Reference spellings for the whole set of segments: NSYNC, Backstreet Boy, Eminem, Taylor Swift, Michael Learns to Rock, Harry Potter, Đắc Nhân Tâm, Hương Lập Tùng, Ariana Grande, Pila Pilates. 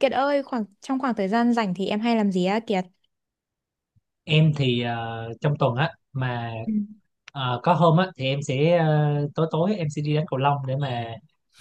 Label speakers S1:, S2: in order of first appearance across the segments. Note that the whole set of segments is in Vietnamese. S1: Kiệt ơi, trong khoảng thời gian rảnh thì em hay làm gì á Kiệt?
S2: Em thì trong tuần á mà
S1: Ừ.
S2: có hôm á thì em sẽ tối tối em sẽ đi đánh cầu lông để mà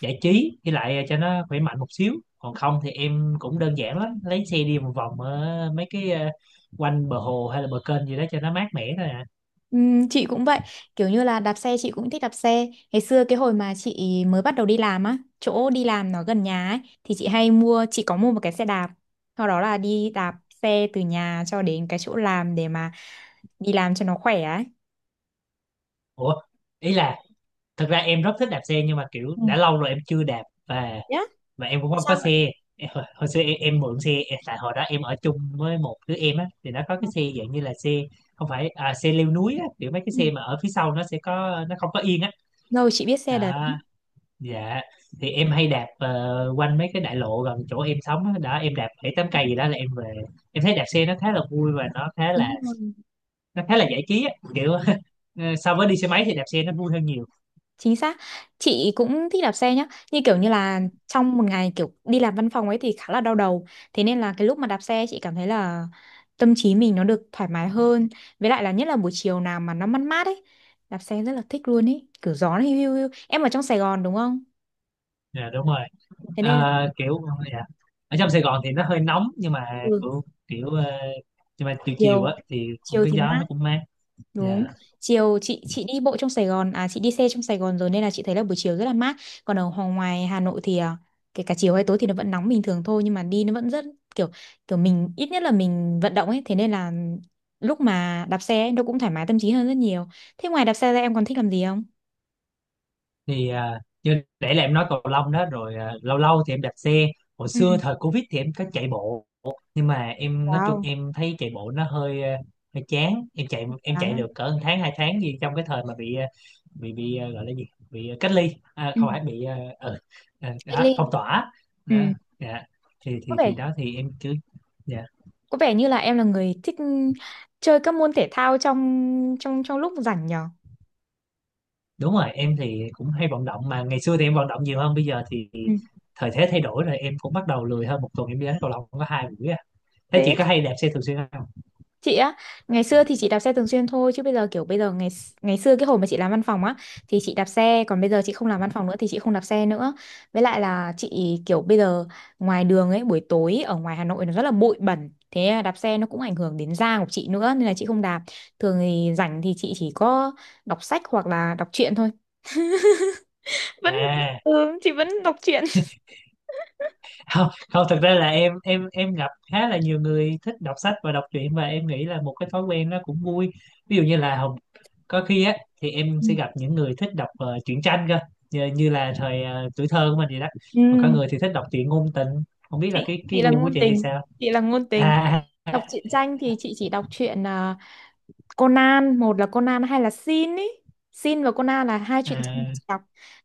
S2: giải trí, với lại cho nó khỏe mạnh một xíu. Còn không thì em cũng đơn giản lắm, lấy xe đi một vòng ở mấy cái quanh bờ hồ hay là bờ kênh gì đó cho nó mát mẻ thôi à.
S1: Chị cũng vậy, kiểu như là đạp xe chị cũng thích đạp xe. Ngày xưa cái hồi mà chị mới bắt đầu đi làm á, chỗ đi làm nó gần nhà ấy thì chị có mua một cái xe đạp. Sau đó là đi đạp xe từ nhà cho đến cái chỗ làm để mà đi làm cho nó khỏe ấy.
S2: Ủa, ý là thật ra em rất thích đạp xe, nhưng mà kiểu đã lâu rồi em chưa đạp, và mà em cũng không có xe. Hồi xưa em mượn xe em, tại hồi đó em ở chung với một đứa em á, thì nó có cái xe dạng như là xe không phải, à xe leo núi á, kiểu mấy cái
S1: Ừ.
S2: xe mà ở phía sau nó sẽ có, nó không có yên á.
S1: Rồi chị biết xe đấy.
S2: Đó. Dạ, thì em hay đạp quanh mấy cái đại lộ gần chỗ em sống á, đó em đạp bảy tám cây gì đó là em về. Em thấy đạp xe nó khá là vui, và nó khá là
S1: Đúng rồi.
S2: nó khá là giải trí á kiểu. So với đi xe máy thì đạp xe nó vui hơn nhiều.
S1: Chính xác, chị cũng thích đạp xe nhá. Như kiểu như là trong một ngày kiểu đi làm văn phòng ấy thì khá là đau đầu. Thế nên là cái lúc mà đạp xe chị cảm thấy là tâm trí mình nó được thoải mái hơn. Với lại là nhất là buổi chiều nào mà nó mát mát ấy. Đạp xe rất là thích luôn ấy, kiểu gió nó hiu hiu hiu. Em ở trong Sài Gòn đúng không?
S2: Dạ, đúng rồi.
S1: Thế nên là
S2: Kiểu. Dạ. Ở trong Sài Gòn thì nó hơi nóng, nhưng mà
S1: ừ,
S2: kiểu kiểu nhưng mà từ chiều
S1: chiều,
S2: á thì cũng
S1: chiều
S2: cái
S1: thì
S2: gió
S1: mát.
S2: nó cũng mát. Dạ.
S1: Đúng. Chiều chị đi bộ trong Sài Gòn à chị đi xe trong Sài Gòn rồi nên là chị thấy là buổi chiều rất là mát. Còn ở ngoài Hà Nội thì à, kể cả chiều hay tối thì nó vẫn nóng bình thường thôi nhưng mà đi nó vẫn rất kiểu kiểu mình ít nhất là mình vận động ấy, thế nên là lúc mà đạp xe ấy, nó cũng thoải mái tâm trí hơn rất nhiều. Thế ngoài đạp xe ra em còn thích làm gì không?
S2: Thì như để là em nói cầu lông đó rồi, lâu lâu thì em đạp xe. Hồi
S1: Ừ.
S2: xưa thời Covid thì em có chạy bộ, nhưng mà em nói chung
S1: Wow,
S2: em thấy chạy bộ nó hơi hơi chán. Em chạy, em
S1: đoán
S2: chạy
S1: à.
S2: được cỡ một tháng hai tháng gì, trong cái thời mà bị gọi là gì, bị cách ly, à
S1: Ừ.
S2: không phải, bị
S1: Thế
S2: đó,
S1: Linh.
S2: phong tỏa
S1: Ừ.
S2: đó. Dạ. thì
S1: Có
S2: thì
S1: vẻ
S2: thì đó thì em cứ. Dạ,
S1: có vẻ như là em là người thích chơi các môn thể thao trong trong trong lúc rảnh nhở?
S2: đúng rồi. Em thì cũng hay vận động, mà ngày xưa thì em vận động nhiều hơn. Bây giờ thì
S1: Ừ.
S2: thời thế thay đổi rồi, em cũng bắt đầu lười hơn. Một tuần em đi đánh cầu lông có 2 buổi à. Thế
S1: Thế
S2: chị có hay đạp xe thường xuyên không?
S1: chị á, ngày xưa thì chị đạp xe thường xuyên thôi, chứ bây giờ kiểu bây giờ ngày ngày xưa cái hồi mà chị làm văn phòng á thì chị đạp xe, còn bây giờ chị không làm văn phòng nữa thì chị không đạp xe nữa. Với lại là chị kiểu, bây giờ ngoài đường ấy buổi tối ở ngoài Hà Nội nó rất là bụi bẩn, thế đạp xe nó cũng ảnh hưởng đến da của chị nữa nên là chị không đạp. Thường thì rảnh thì chị chỉ có đọc sách hoặc là đọc truyện thôi, vẫn
S2: À.
S1: chị vẫn đọc truyện.
S2: Không. Không, thực ra là em em gặp khá là nhiều người thích đọc sách và đọc truyện, và em nghĩ là một cái thói quen nó cũng vui. Ví dụ như là có khi á thì em
S1: Ừ.
S2: sẽ gặp những người thích đọc truyện tranh cơ, như là thời tuổi thơ của mình vậy đó.
S1: ừ,
S2: Còn có người thì thích đọc truyện ngôn tình. Không biết là
S1: chị
S2: cái
S1: chị là
S2: gu của
S1: ngôn
S2: chị thì
S1: tình,
S2: sao?
S1: chị là ngôn tình.
S2: À,
S1: Đọc truyện tranh thì chị chỉ đọc truyện à, Conan, một là Conan hay là Sin ý. Sin và Conan là hai truyện tranh mà
S2: à,
S1: chị đọc,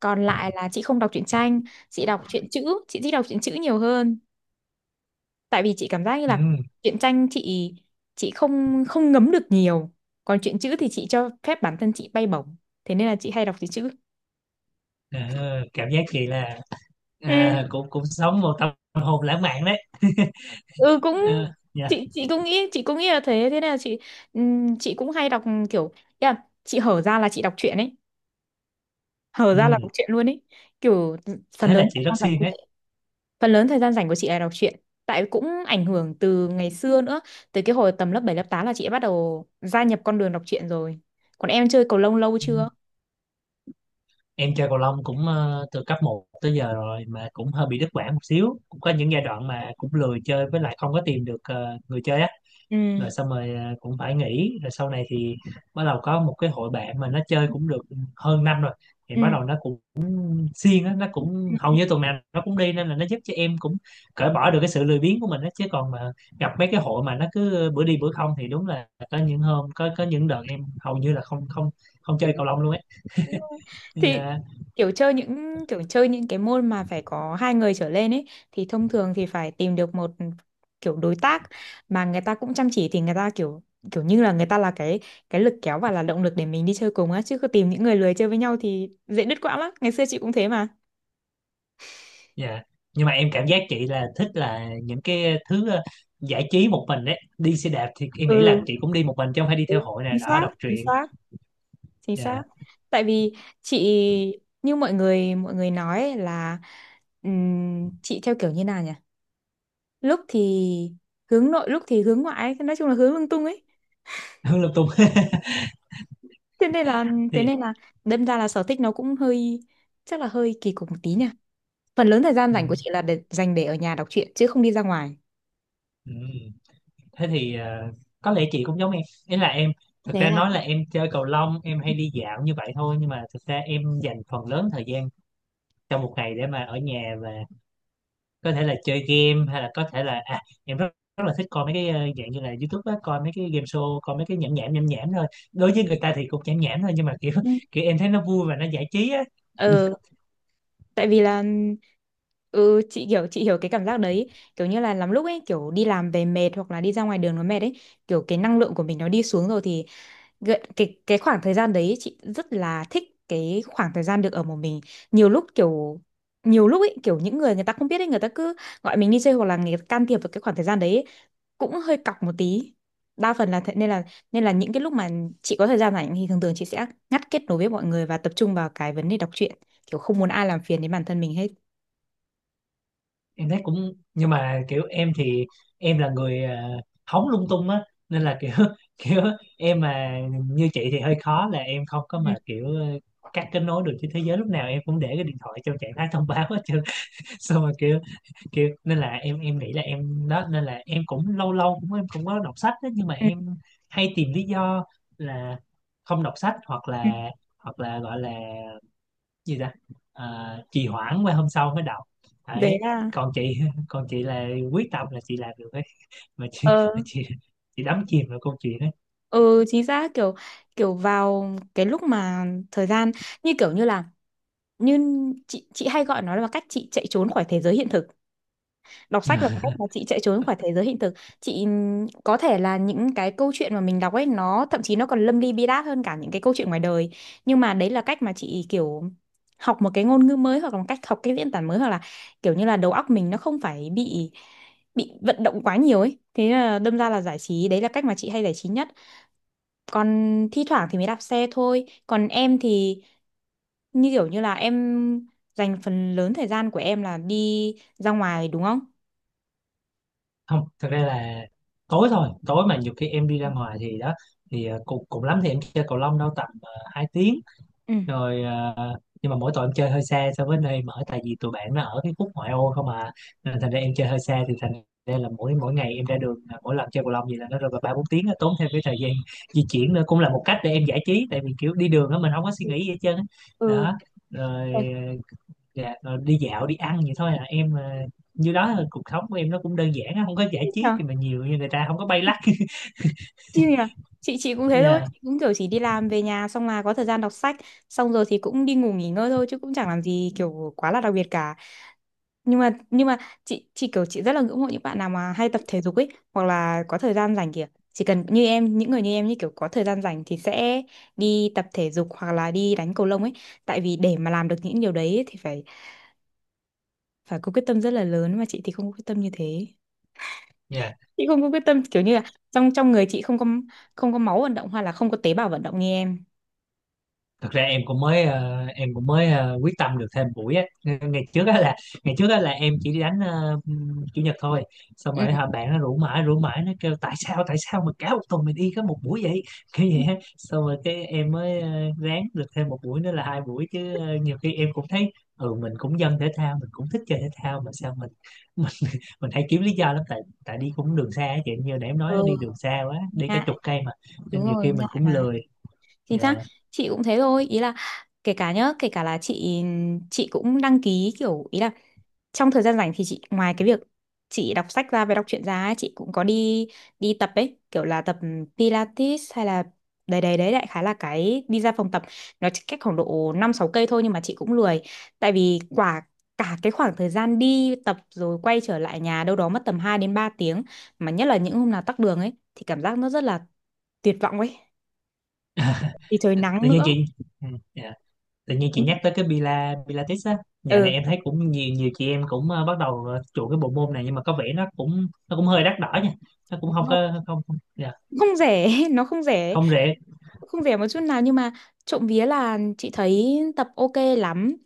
S1: còn lại là chị không đọc truyện tranh. Chị đọc truyện chữ, chị thích đọc truyện chữ nhiều hơn. Tại vì chị cảm giác như
S2: ừ.
S1: là truyện tranh chị không không ngấm được nhiều, còn truyện chữ thì chị cho phép bản thân chị bay bổng. Thế nên là chị hay đọc truyện chữ.
S2: Ờ, Cảm giác chị là,
S1: Ừ.
S2: à, cũng cũng sống một tâm hồn lãng mạn đấy.
S1: ừ cũng
S2: Ờ, dạ.
S1: Chị cũng nghĩ là thế thế nên là chị cũng hay đọc, kiểu, ý là chị hở ra là chị đọc truyện ấy, hở ra là
S2: Ừ.
S1: đọc truyện luôn ấy, kiểu phần
S2: Thế là
S1: lớn
S2: chị
S1: thời
S2: rất
S1: gian rảnh
S2: siêng
S1: của
S2: đấy.
S1: phần lớn thời gian rảnh của chị là đọc truyện. Tại cũng ảnh hưởng từ ngày xưa nữa, từ cái hồi tầm lớp 7 lớp 8 là chị đã bắt đầu gia nhập con đường đọc truyện rồi. Còn em chơi cầu lông lâu
S2: Ừ.
S1: chưa?
S2: Em chơi cầu lông cũng từ cấp một tới giờ rồi, mà cũng hơi bị đứt quãng một xíu, cũng có những giai đoạn mà cũng lười chơi, với lại không có tìm được người chơi á.
S1: Ừ.
S2: Rồi xong rồi cũng phải nghỉ. Rồi sau này thì bắt đầu có một cái hội bạn mà nó chơi cũng được hơn năm rồi, thì
S1: Ừ.
S2: bắt đầu nó cũng siêng á, nó cũng
S1: Ừ.
S2: hầu
S1: Ừ.
S2: như tuần nào nó cũng đi, nên là nó giúp cho em cũng cởi bỏ được cái sự lười biếng của mình á. Chứ còn mà gặp mấy cái hội mà nó cứ bữa đi bữa không thì đúng là có những hôm, có những đợt em hầu như là không không không
S1: Đúng
S2: chơi cầu lông
S1: rồi,
S2: luôn ấy.
S1: đúng rồi. Thì
S2: Dạ.
S1: kiểu chơi những cái môn mà phải có hai người trở lên ấy thì thông thường thì phải tìm được một kiểu đối tác mà người ta cũng chăm chỉ, thì người ta kiểu kiểu như là người ta là cái lực kéo và là động lực để mình đi chơi cùng á, chứ cứ tìm những người lười chơi với nhau thì dễ đứt quãng lắm. Ngày xưa chị cũng thế.
S2: Dạ, nhưng mà em cảm giác chị là thích là những cái thứ giải trí một mình đấy. Đi xe đạp thì em nghĩ là
S1: Ừ,
S2: chị cũng đi một mình chứ không phải đi theo
S1: đúng.
S2: hội nè,
S1: Chính
S2: đó
S1: xác,
S2: đọc
S1: chính
S2: truyện.
S1: xác, chính xác.
S2: Dạ.
S1: Tại vì chị, như mọi người nói ấy, là chị theo kiểu như nào nhỉ, lúc thì hướng nội lúc thì hướng ngoại ấy. Nói chung là hướng lung tung ấy.
S2: Hương Lập Tùng.
S1: Thế nên là, thế
S2: Thì
S1: nên là đâm ra là sở thích nó cũng hơi, chắc là hơi kỳ cục một tí nha. Phần lớn thời gian
S2: ừ,
S1: rảnh của chị là để dành để ở nhà đọc truyện chứ không đi ra ngoài.
S2: ừ. Thế thì có lẽ chị cũng giống em. Ý là em, thực
S1: Thế
S2: ra nói là em chơi cầu lông, em hay đi dạo như vậy thôi, nhưng mà thực ra em dành phần lớn thời gian trong một ngày để mà ở nhà, và có thể là chơi game, hay là có thể là, à em rất rất là thích coi mấy cái dạng như là YouTube á, coi mấy cái game show, coi mấy cái nhảm nhảm nhảm nhảm thôi. Đối với người ta thì cũng nhảm nhảm thôi, nhưng mà kiểu
S1: à.
S2: kiểu em thấy nó vui và nó giải trí á.
S1: ờ Tại vì là, ừ chị hiểu, chị hiểu cái cảm giác đấy, kiểu như là lắm lúc ấy kiểu đi làm về mệt, hoặc là đi ra ngoài đường nó mệt ấy, kiểu cái năng lượng của mình nó đi xuống rồi, thì cái khoảng thời gian đấy chị rất là thích, cái khoảng thời gian được ở một mình. nhiều lúc kiểu nhiều lúc ấy kiểu những người người ta không biết ấy, người ta cứ gọi mình đi chơi hoặc là người ta can thiệp vào cái khoảng thời gian đấy, cũng hơi cọc một tí. Đa phần là thế, nên là, những cái lúc mà chị có thời gian rảnh thì thường thường chị sẽ ngắt kết nối với mọi người và tập trung vào cái vấn đề đọc truyện, kiểu không muốn ai làm phiền đến bản thân mình hết.
S2: Em thấy cũng, nhưng mà kiểu em thì em là người, à hóng lung tung á, nên là kiểu kiểu em mà như chị thì hơi khó, là em không có
S1: Ừ,
S2: mà kiểu cắt kết nối được với thế giới. Lúc nào em cũng để cái điện thoại trong trạng thái thông báo hết trơn. Xong rồi kiểu kiểu nên là em nghĩ là em đó, nên là em cũng lâu lâu cũng em cũng có đọc sách đó, nhưng mà
S1: ừ,
S2: em hay tìm lý do là không đọc sách. Hoặc
S1: ừ.
S2: là hoặc là gọi là gì ta, à trì hoãn qua hôm sau mới đọc
S1: Đấy
S2: đấy.
S1: là,
S2: Còn chị còn chị là quyết tâm là chị làm được ấy. mà chị
S1: ờ
S2: mà chị chị đắm chìm vào câu chuyện ấy.
S1: ừ chính xác, kiểu kiểu vào cái lúc mà thời gian, kiểu như là như chị hay gọi nó là cách chị chạy trốn khỏi thế giới hiện thực. Đọc sách là cách mà chị chạy trốn khỏi thế giới hiện thực. Chị có thể là những cái câu chuyện mà mình đọc ấy nó thậm chí nó còn lâm ly bi đát hơn cả những cái câu chuyện ngoài đời, nhưng mà đấy là cách mà chị kiểu học một cái ngôn ngữ mới hoặc là một cách học cái diễn tả mới, hoặc là kiểu như là đầu óc mình nó không phải bị vận động quá nhiều ấy, thế là đâm ra là giải trí, đấy là cách mà chị hay giải trí nhất. Còn thi thoảng thì mới đạp xe thôi, còn em thì như kiểu như là em dành phần lớn thời gian của em là đi ra ngoài đúng không?
S2: Không, thật ra là tối thôi. Tối mà nhiều khi em đi
S1: Ừ.
S2: ra ngoài thì đó, thì cùng cùng lắm thì em chơi cầu lông đâu tầm 2 tiếng.
S1: Ừ.
S2: Rồi à, nhưng mà mỗi tội em chơi hơi xa so với nơi em ở, tại vì tụi bạn nó ở cái khúc ngoại ô không à. Nên thành ra em chơi hơi xa, thì thành ra là mỗi mỗi ngày em ra đường, là mỗi lần chơi cầu lông gì là nó rơi vào 3-4 tiếng á, tốn thêm cái thời gian di chuyển. Nữa cũng là một cách để em giải trí, tại vì kiểu đi đường á mình không có suy
S1: Ừ.
S2: nghĩ gì hết trơn á.
S1: Ừ.
S2: Đó. Rồi
S1: Thế
S2: à, dạ, rồi đi dạo đi ăn vậy thôi à em à. Như đó là cuộc sống của em nó cũng đơn giản á, không có giải
S1: thích
S2: trí
S1: nhờ,
S2: gì mà nhiều như người ta, không có bay lắc.
S1: chill nhờ. Chị cũng thế thôi, chị cũng kiểu chỉ đi làm về nhà xong là có thời gian đọc sách, xong rồi thì cũng đi ngủ nghỉ ngơi thôi chứ cũng chẳng làm gì kiểu quá là đặc biệt cả. Nhưng mà, chị kiểu, chị rất là ngưỡng mộ những bạn nào mà hay tập thể dục ấy, hoặc là có thời gian rảnh kìa, chỉ cần như em, những người như em, như kiểu có thời gian rảnh thì sẽ đi tập thể dục hoặc là đi đánh cầu lông ấy. Tại vì để mà làm được những điều đấy ấy thì phải, có quyết tâm rất là lớn, mà chị thì không có quyết tâm như thế.
S2: Yeah.
S1: Chị không có quyết tâm kiểu như là trong trong người chị không có, không có máu vận động hoặc là không có tế bào vận động như em.
S2: Thật ra em cũng mới quyết tâm được thêm buổi á. ngày trước á là ngày trước á là em chỉ đi đánh chủ nhật thôi. Xong
S1: Ừ.
S2: rồi hả, bạn nó rủ mãi rủ mãi, nó kêu tại sao mà cả một tuần mình đi có một buổi vậy, kiểu vậy á. Xong rồi cái em mới ráng được thêm một buổi nữa là 2 buổi, chứ nhiều khi em cũng thấy ừ mình cũng dân thể thao, mình cũng thích chơi thể thao, mà sao mình mình mình hay kiếm lý do lắm. Tại tại đi cũng đường xa á chị, như nãy em nói đi đường
S1: Ừ.
S2: xa quá, đi cả chục
S1: Ngại.
S2: cây mà, nên
S1: Đúng
S2: nhiều
S1: rồi,
S2: khi mình
S1: ngại
S2: cũng
S1: mà.
S2: lười.
S1: Chính
S2: Dạ.
S1: xác, chị cũng thế thôi, ý là kể cả nhá, kể cả là chị cũng đăng ký kiểu, ý là trong thời gian rảnh thì chị ngoài cái việc chị đọc sách ra và đọc truyện ra ấy, chị cũng có đi, đi tập ấy, kiểu là tập Pilates hay là, đấy đấy đấy, đại khái là cái đi ra phòng tập nó chỉ cách khoảng độ 5-6 cây thôi nhưng mà chị cũng lười. Tại vì quả, cả cái khoảng thời gian đi tập rồi quay trở lại nhà đâu đó mất tầm 2 đến 3 tiếng, mà nhất là những hôm nào tắc đường ấy thì cảm giác nó rất là tuyệt vọng ấy, thì trời nắng
S2: Tự nhiên
S1: nữa.
S2: chị, ừ, dạ. Tự nhiên chị
S1: Ừ.
S2: nhắc tới cái Pilates á, dạo này
S1: Ừ,
S2: em thấy cũng nhiều nhiều chị em cũng bắt đầu chuộng cái bộ môn này, nhưng mà có vẻ nó cũng hơi đắt đỏ nha. Nó cũng
S1: đúng
S2: không có
S1: không?
S2: không không dạ,
S1: Không rẻ, nó không rẻ,
S2: không rẻ.
S1: không rẻ một chút nào, nhưng mà trộm vía là chị thấy tập ok lắm.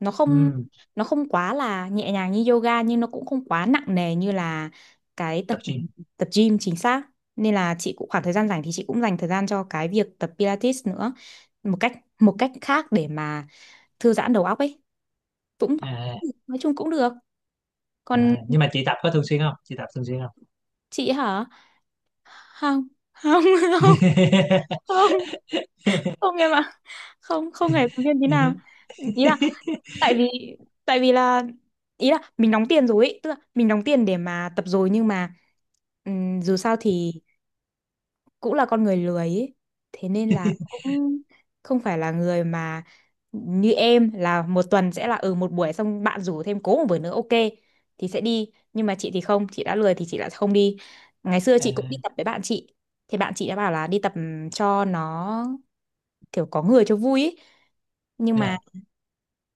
S1: Nó không
S2: ừ,
S1: nó không quá là nhẹ nhàng như yoga, nhưng nó cũng không quá nặng nề như là cái tập,
S2: Tập gym.
S1: tập gym, chính xác. Nên là chị cũng khoảng thời gian rảnh thì chị cũng dành thời gian cho cái việc tập Pilates nữa. Một cách, khác để mà thư giãn đầu óc ấy. Cũng
S2: À,
S1: nói chung cũng được.
S2: à,
S1: Còn
S2: nhưng mà chị tập có thường xuyên không, chị tập thường xuyên không?
S1: chị hả? Không, không, không, không, không em ạ, không không hề động viên tí nào, ý là tại vì, tại vì là ý là mình đóng tiền rồi ý, tức là mình đóng tiền để mà tập rồi, nhưng mà dù sao thì cũng là con người lười ý. Thế nên là cũng không phải là người mà như em là một tuần sẽ là, ừ, một buổi, xong bạn rủ thêm cố một buổi nữa ok thì sẽ đi, nhưng mà chị thì không, chị đã lười thì chị lại không đi. Ngày xưa
S2: À,
S1: chị cũng đi tập với bạn chị, thì bạn chị đã bảo là đi tập cho nó kiểu có người cho vui ý. Nhưng mà
S2: dạ.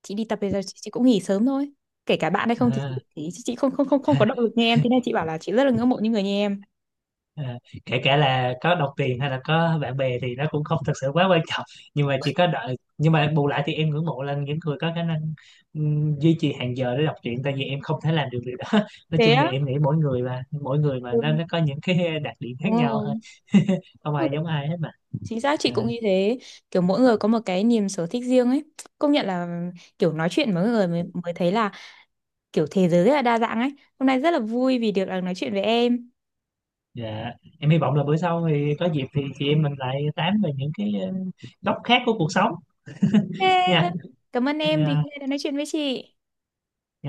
S1: chị đi tập bây giờ, chị cũng nghỉ sớm thôi, kể cả bạn hay không, thì
S2: À.
S1: thì chị không không không không có động lực như em, thế nên chị bảo là chị rất là ngưỡng mộ những người như em.
S2: À, kể cả là có đồng tiền hay là có bạn bè thì nó cũng không thực sự quá quan trọng, nhưng mà chỉ có đợi, nhưng mà bù lại thì em ngưỡng mộ là những người có khả năng duy trì hàng giờ để đọc truyện, tại vì em không thể làm được điều đó. Nói
S1: Thế
S2: chung thì
S1: á.
S2: em nghĩ mỗi người mà, mỗi người mà
S1: Ừ.
S2: nó có những cái đặc điểm khác nhau thôi.
S1: Đúng
S2: Không
S1: rồi.
S2: ai giống ai hết mà.
S1: Chính xác, chị
S2: À,
S1: cũng như thế, kiểu mỗi người có một cái niềm sở thích riêng ấy. Công nhận là kiểu nói chuyện với mọi người mới thấy là kiểu thế giới rất là đa dạng ấy. Hôm nay rất là vui vì được à, nói chuyện với em.
S2: dạ. Em hy vọng là bữa sau thì có dịp thì chị em mình lại tám về những cái góc khác của cuộc sống
S1: Ê, vâng.
S2: nha.
S1: Cảm ơn em thì
S2: À,
S1: hôm nay đã nói chuyện với chị.
S2: dạ.